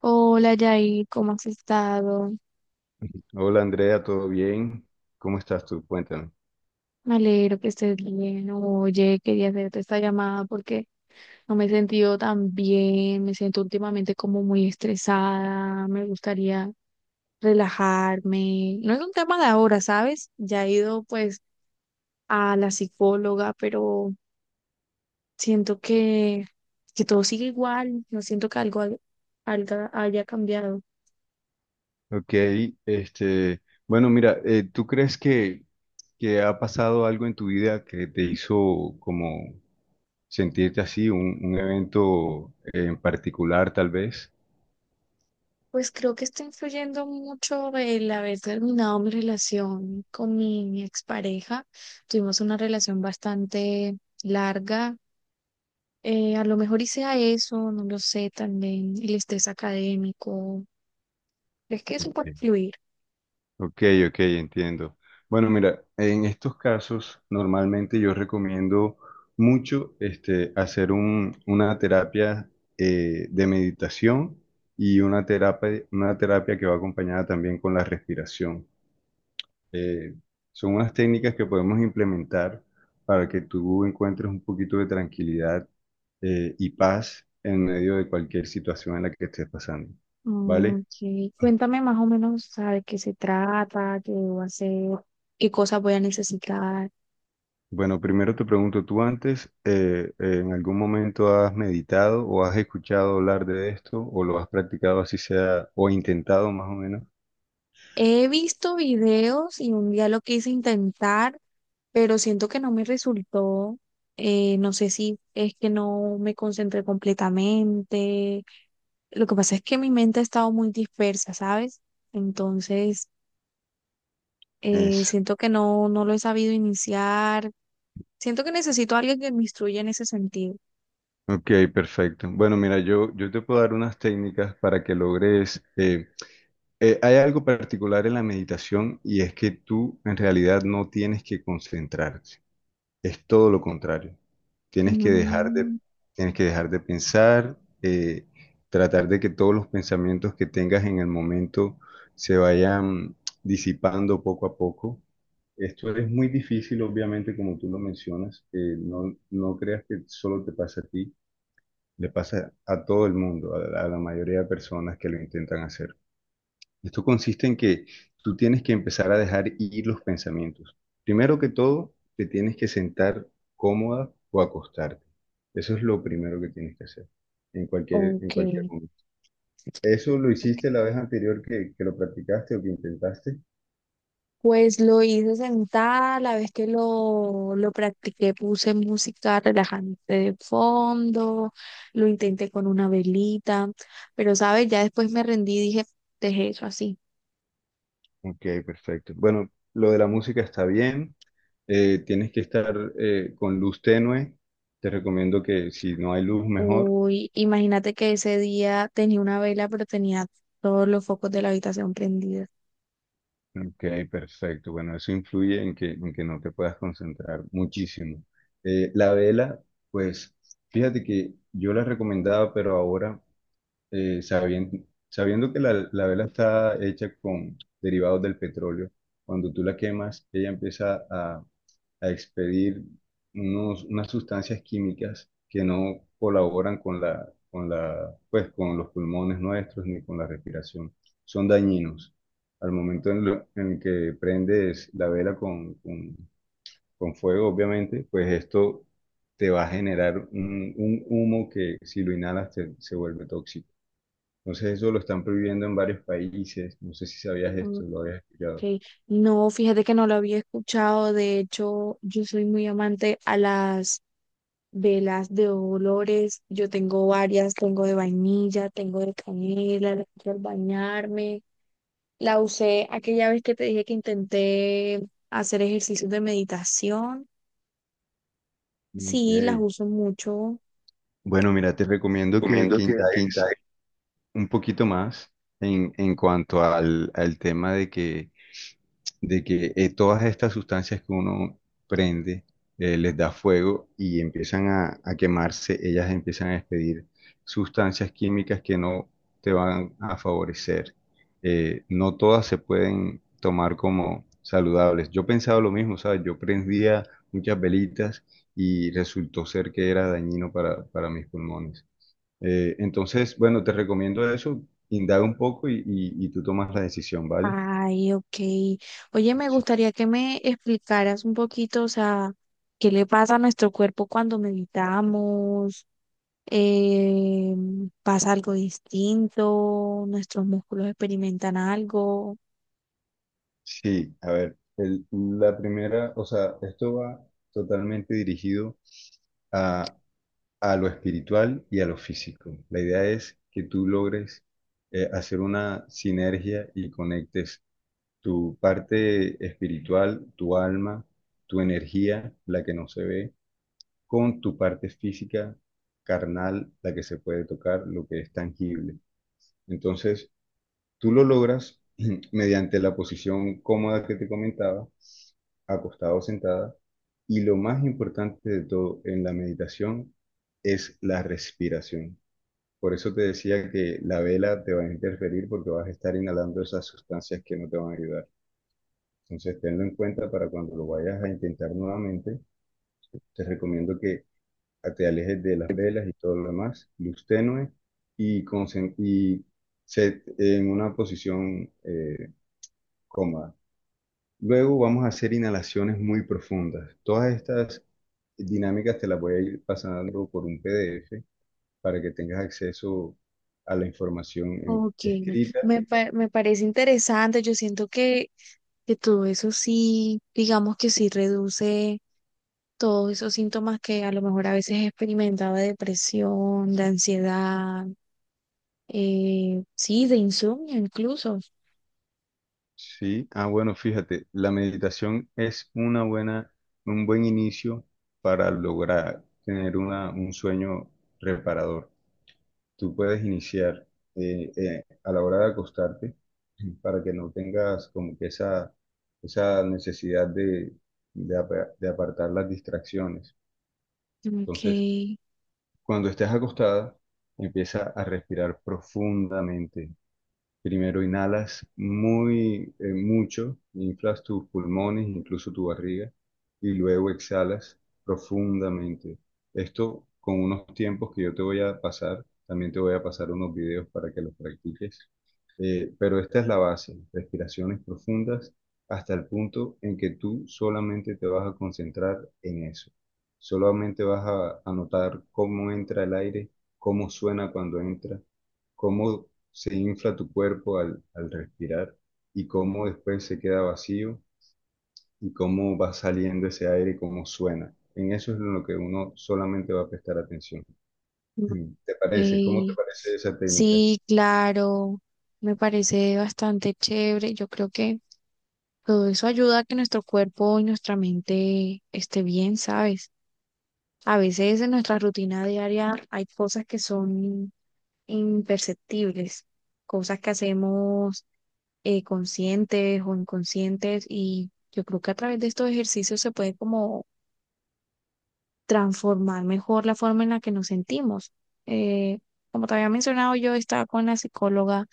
Hola Yair, ¿cómo has estado? Hola Andrea, ¿todo bien? ¿Cómo estás tú? Cuéntame. Me alegro que estés bien. Oye, quería hacerte esta llamada porque no me he sentido tan bien, me siento últimamente como muy estresada, me gustaría relajarme. No es un tema de ahora, ¿sabes? Ya he ido pues a la psicóloga, pero siento que todo sigue igual, no siento que algo haya cambiado. Ok, ¿tú crees que ha pasado algo en tu vida que te hizo como sentirte así, un evento en particular tal vez? Pues creo que está influyendo mucho el haber terminado mi relación con mi expareja. Tuvimos una relación bastante larga. A lo mejor hice a eso, no lo sé, también el estrés académico. Es que eso puede Ok. influir. Ok, ok, entiendo. Bueno, mira, en estos casos normalmente yo recomiendo mucho este, hacer una terapia de meditación y una terapia que va acompañada también con la respiración. Eh, son unas técnicas que podemos implementar para que tú encuentres un poquito de tranquilidad y paz en medio de cualquier situación en la que estés pasando, ¿vale? Mm, sí. Cuéntame más o menos, ¿sabe qué se trata? ¿Qué debo hacer? ¿Qué cosas voy a necesitar? Bueno, primero te pregunto, ¿tú antes en algún momento has meditado o has escuchado hablar de esto o lo has practicado así sea o intentado más o menos? He visto videos y un día lo quise intentar pero siento que no me resultó, no sé si es que no me concentré completamente, lo que pasa es que mi mente ha estado muy dispersa, ¿sabes? Entonces, Eso. siento que no lo he sabido iniciar, siento que necesito a alguien que me instruya en ese sentido. Ok, perfecto. Bueno, mira, yo te puedo dar unas técnicas para que logres... hay algo particular en la meditación y es que tú en realidad no tienes que concentrarte. Es todo lo contrario. Tienes que dejar de, Mm, tienes que dejar de pensar, tratar de que todos los pensamientos que tengas en el momento se vayan disipando poco a poco. Esto es muy difícil, obviamente, como tú lo mencionas. No creas que solo te pasa a ti, le pasa a todo el mundo, a la mayoría de personas que lo intentan hacer. Esto consiste en que tú tienes que empezar a dejar ir los pensamientos. Primero que todo, te tienes que sentar cómoda o acostarte. Eso es lo primero que tienes que hacer en ok, en cualquier momento. ¿Eso lo ok. hiciste la vez anterior que lo practicaste o que intentaste? Pues lo hice sentada, la vez que lo practiqué puse música relajante de fondo, lo intenté con una velita, pero sabes, ya después me rendí y dije, dejé eso así. Ok, perfecto. Bueno, lo de la música está bien. Tienes que estar con luz tenue. Te recomiendo que si no hay luz, mejor. Uy, imagínate que ese día tenía una vela, pero tenía todos los focos de la habitación prendidos. Ok, perfecto. Bueno, eso influye en en que no te puedas concentrar muchísimo. La vela, pues fíjate que yo la recomendaba, pero ahora sabiendo que la vela está hecha con derivados del petróleo, cuando tú la quemas, ella empieza a expedir unas sustancias químicas que no colaboran con la, pues, con los pulmones nuestros ni con la respiración. Son dañinos. Al momento en que prendes la vela con fuego, obviamente, pues esto te va a generar un humo que si lo inhalas se vuelve tóxico. Entonces eso lo están prohibiendo en varios países. No sé si sabías Ok. esto, lo habías escuchado. No, fíjate que no lo había escuchado, de hecho, yo soy muy amante a las velas de olores. Yo tengo varias, tengo de vainilla, tengo de canela, la uso al bañarme. La usé aquella vez que te dije que intenté hacer ejercicios de meditación. Sí, las Ok. uso mucho. Bueno, mira, te recomiendo Recomiendo que que indagues indagues. un poquito más en cuanto al tema de que todas estas sustancias que uno prende les da fuego y empiezan a quemarse, ellas empiezan a despedir sustancias químicas que no te van a favorecer. No todas se pueden tomar como saludables. Yo pensaba lo mismo, ¿sabes? Yo prendía muchas velitas y resultó ser que era dañino para mis pulmones. Entonces, bueno, te recomiendo eso, indaga un poco y tú tomas la decisión, ¿vale? Ay, ok. Oye, me gustaría que me explicaras un poquito, o sea, qué le pasa a nuestro cuerpo cuando meditamos, eh, pasa algo distinto, nuestros músculos experimentan algo. Sí, a ver, la primera, o sea, esto va totalmente dirigido a, a lo espiritual y a lo físico. La idea es que tú logres hacer una sinergia y conectes tu parte espiritual, tu alma, tu energía, la que no se ve, con tu parte física, carnal, la que se puede tocar, lo que es tangible. Entonces, tú lo logras mediante la posición cómoda que te comentaba, acostado o sentada, y lo más importante de todo en la meditación es la respiración. Por eso te decía que la vela te va a interferir porque vas a estar inhalando esas sustancias que no te van a ayudar. Entonces, tenlo en cuenta para cuando lo vayas a intentar nuevamente. Te recomiendo que te alejes de las velas y todo lo demás, luz tenue y en una posición cómoda. Luego vamos a hacer inhalaciones muy profundas. Todas estas dinámicas te las voy a ir pasando por un PDF para que tengas acceso a la información Ok, escrita. me parece interesante. Yo siento que todo eso sí, digamos que sí reduce todos esos síntomas que a lo mejor a veces experimentaba de depresión, de ansiedad, sí, de insomnio incluso. Sí, ah, bueno, fíjate, la meditación es un buen inicio para lograr tener un sueño reparador. Tú puedes iniciar a la hora de acostarte para que no tengas como que esa necesidad de apartar las distracciones. Ok. Entonces, cuando estés acostada, empieza a respirar profundamente. Primero inhalas muy mucho, inflas tus pulmones, incluso tu barriga, y luego exhalas profundamente. Esto con unos tiempos que yo te voy a pasar, también te voy a pasar unos videos para que los practiques. Pero esta es la base, respiraciones profundas hasta el punto en que tú solamente te vas a concentrar en eso. Solamente vas a notar cómo entra el aire, cómo suena cuando entra, cómo se infla tu cuerpo al respirar y cómo después se queda vacío y cómo va saliendo ese aire cómo suena. En eso es en lo que uno solamente va a prestar atención. Mm. ¿Te parece? ¿Cómo te Ok. parece esa técnica? Sí, claro, me parece bastante chévere. Yo creo que todo eso ayuda a que nuestro cuerpo y nuestra mente esté bien, ¿sabes? A veces en nuestra rutina diaria hay cosas que son imperceptibles, cosas que hacemos conscientes o inconscientes y yo creo que a través de estos ejercicios se puede como transformar mejor la forma en la que nos sentimos. Eh, Como te había mencionado, yo estaba con la psicóloga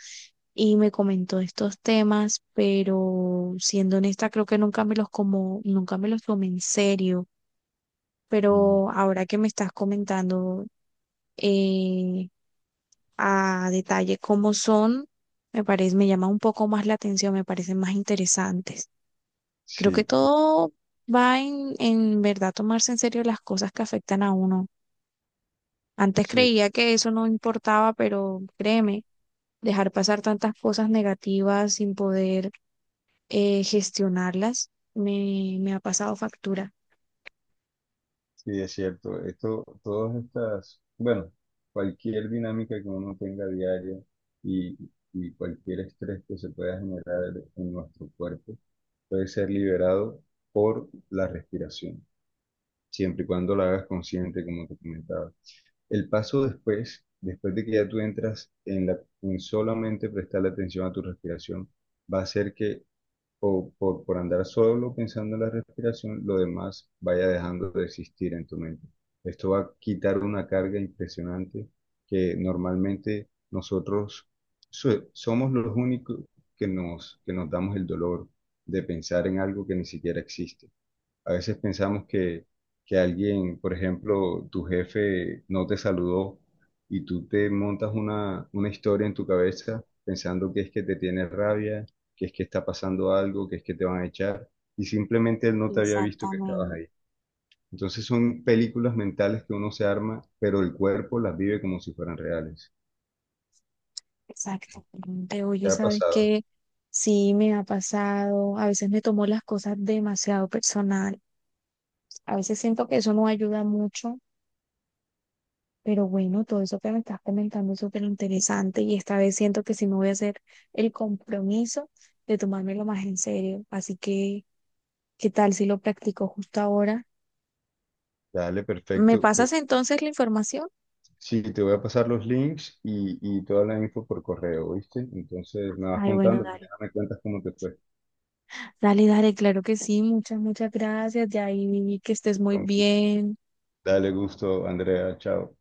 y me comentó estos temas, pero siendo honesta, creo que nunca me los como, nunca me los tomé en serio. Mm. Pero ahora que me estás comentando, eh, a detalle cómo son, me parece, me llama un poco más la atención, me parecen más interesantes. Creo que Sí. todo va en verdad tomarse en serio las cosas que afectan a uno. Antes Sí, creía que eso no importaba, pero créeme, dejar pasar tantas cosas negativas sin poder gestionarlas me ha pasado factura. sí, es cierto. Esto, todas estas, bueno, cualquier dinámica que uno tenga diaria y, y cualquier estrés que se pueda generar en nuestro cuerpo puede ser liberado por la respiración, siempre y cuando la hagas consciente, como te comentaba. El paso después, después de que ya tú entras en solamente prestarle atención a tu respiración, va a hacer que por andar solo pensando en la respiración, lo demás vaya dejando de existir en tu mente. Esto va a quitar una carga impresionante que normalmente nosotros somos los únicos que nos damos el dolor de pensar en algo que ni siquiera existe. A veces pensamos que alguien, por ejemplo, tu jefe no te saludó y tú te montas una historia en tu cabeza pensando que es que te tiene rabia, que es que está pasando algo, que es que te van a echar y simplemente él no te había visto que estabas Exactamente, ahí. Entonces son películas mentales que uno se arma, pero el cuerpo las vive como si fueran reales. exactamente. Oye, ¿Te ha ¿sabes pasado? qué? Sí, me ha pasado. A veces me tomo las cosas demasiado personal. A veces siento que eso no ayuda mucho, pero bueno, todo eso que me estás comentando es súper interesante y esta vez siento que sí me voy a hacer el compromiso de tomármelo más en serio. Así que… ¿Qué tal si lo practico justo ahora? Dale, ¿Me perfecto. Te pasas entonces la información? sí, te voy a pasar los links y toda la info por correo, ¿viste? Entonces me vas Ay, bueno, contando y ya dale. me cuentas cómo te fue. Dale, dale, claro que sí. Muchas, muchas gracias. De ahí que estés muy Con- bien. Dale gusto, Andrea. Chao.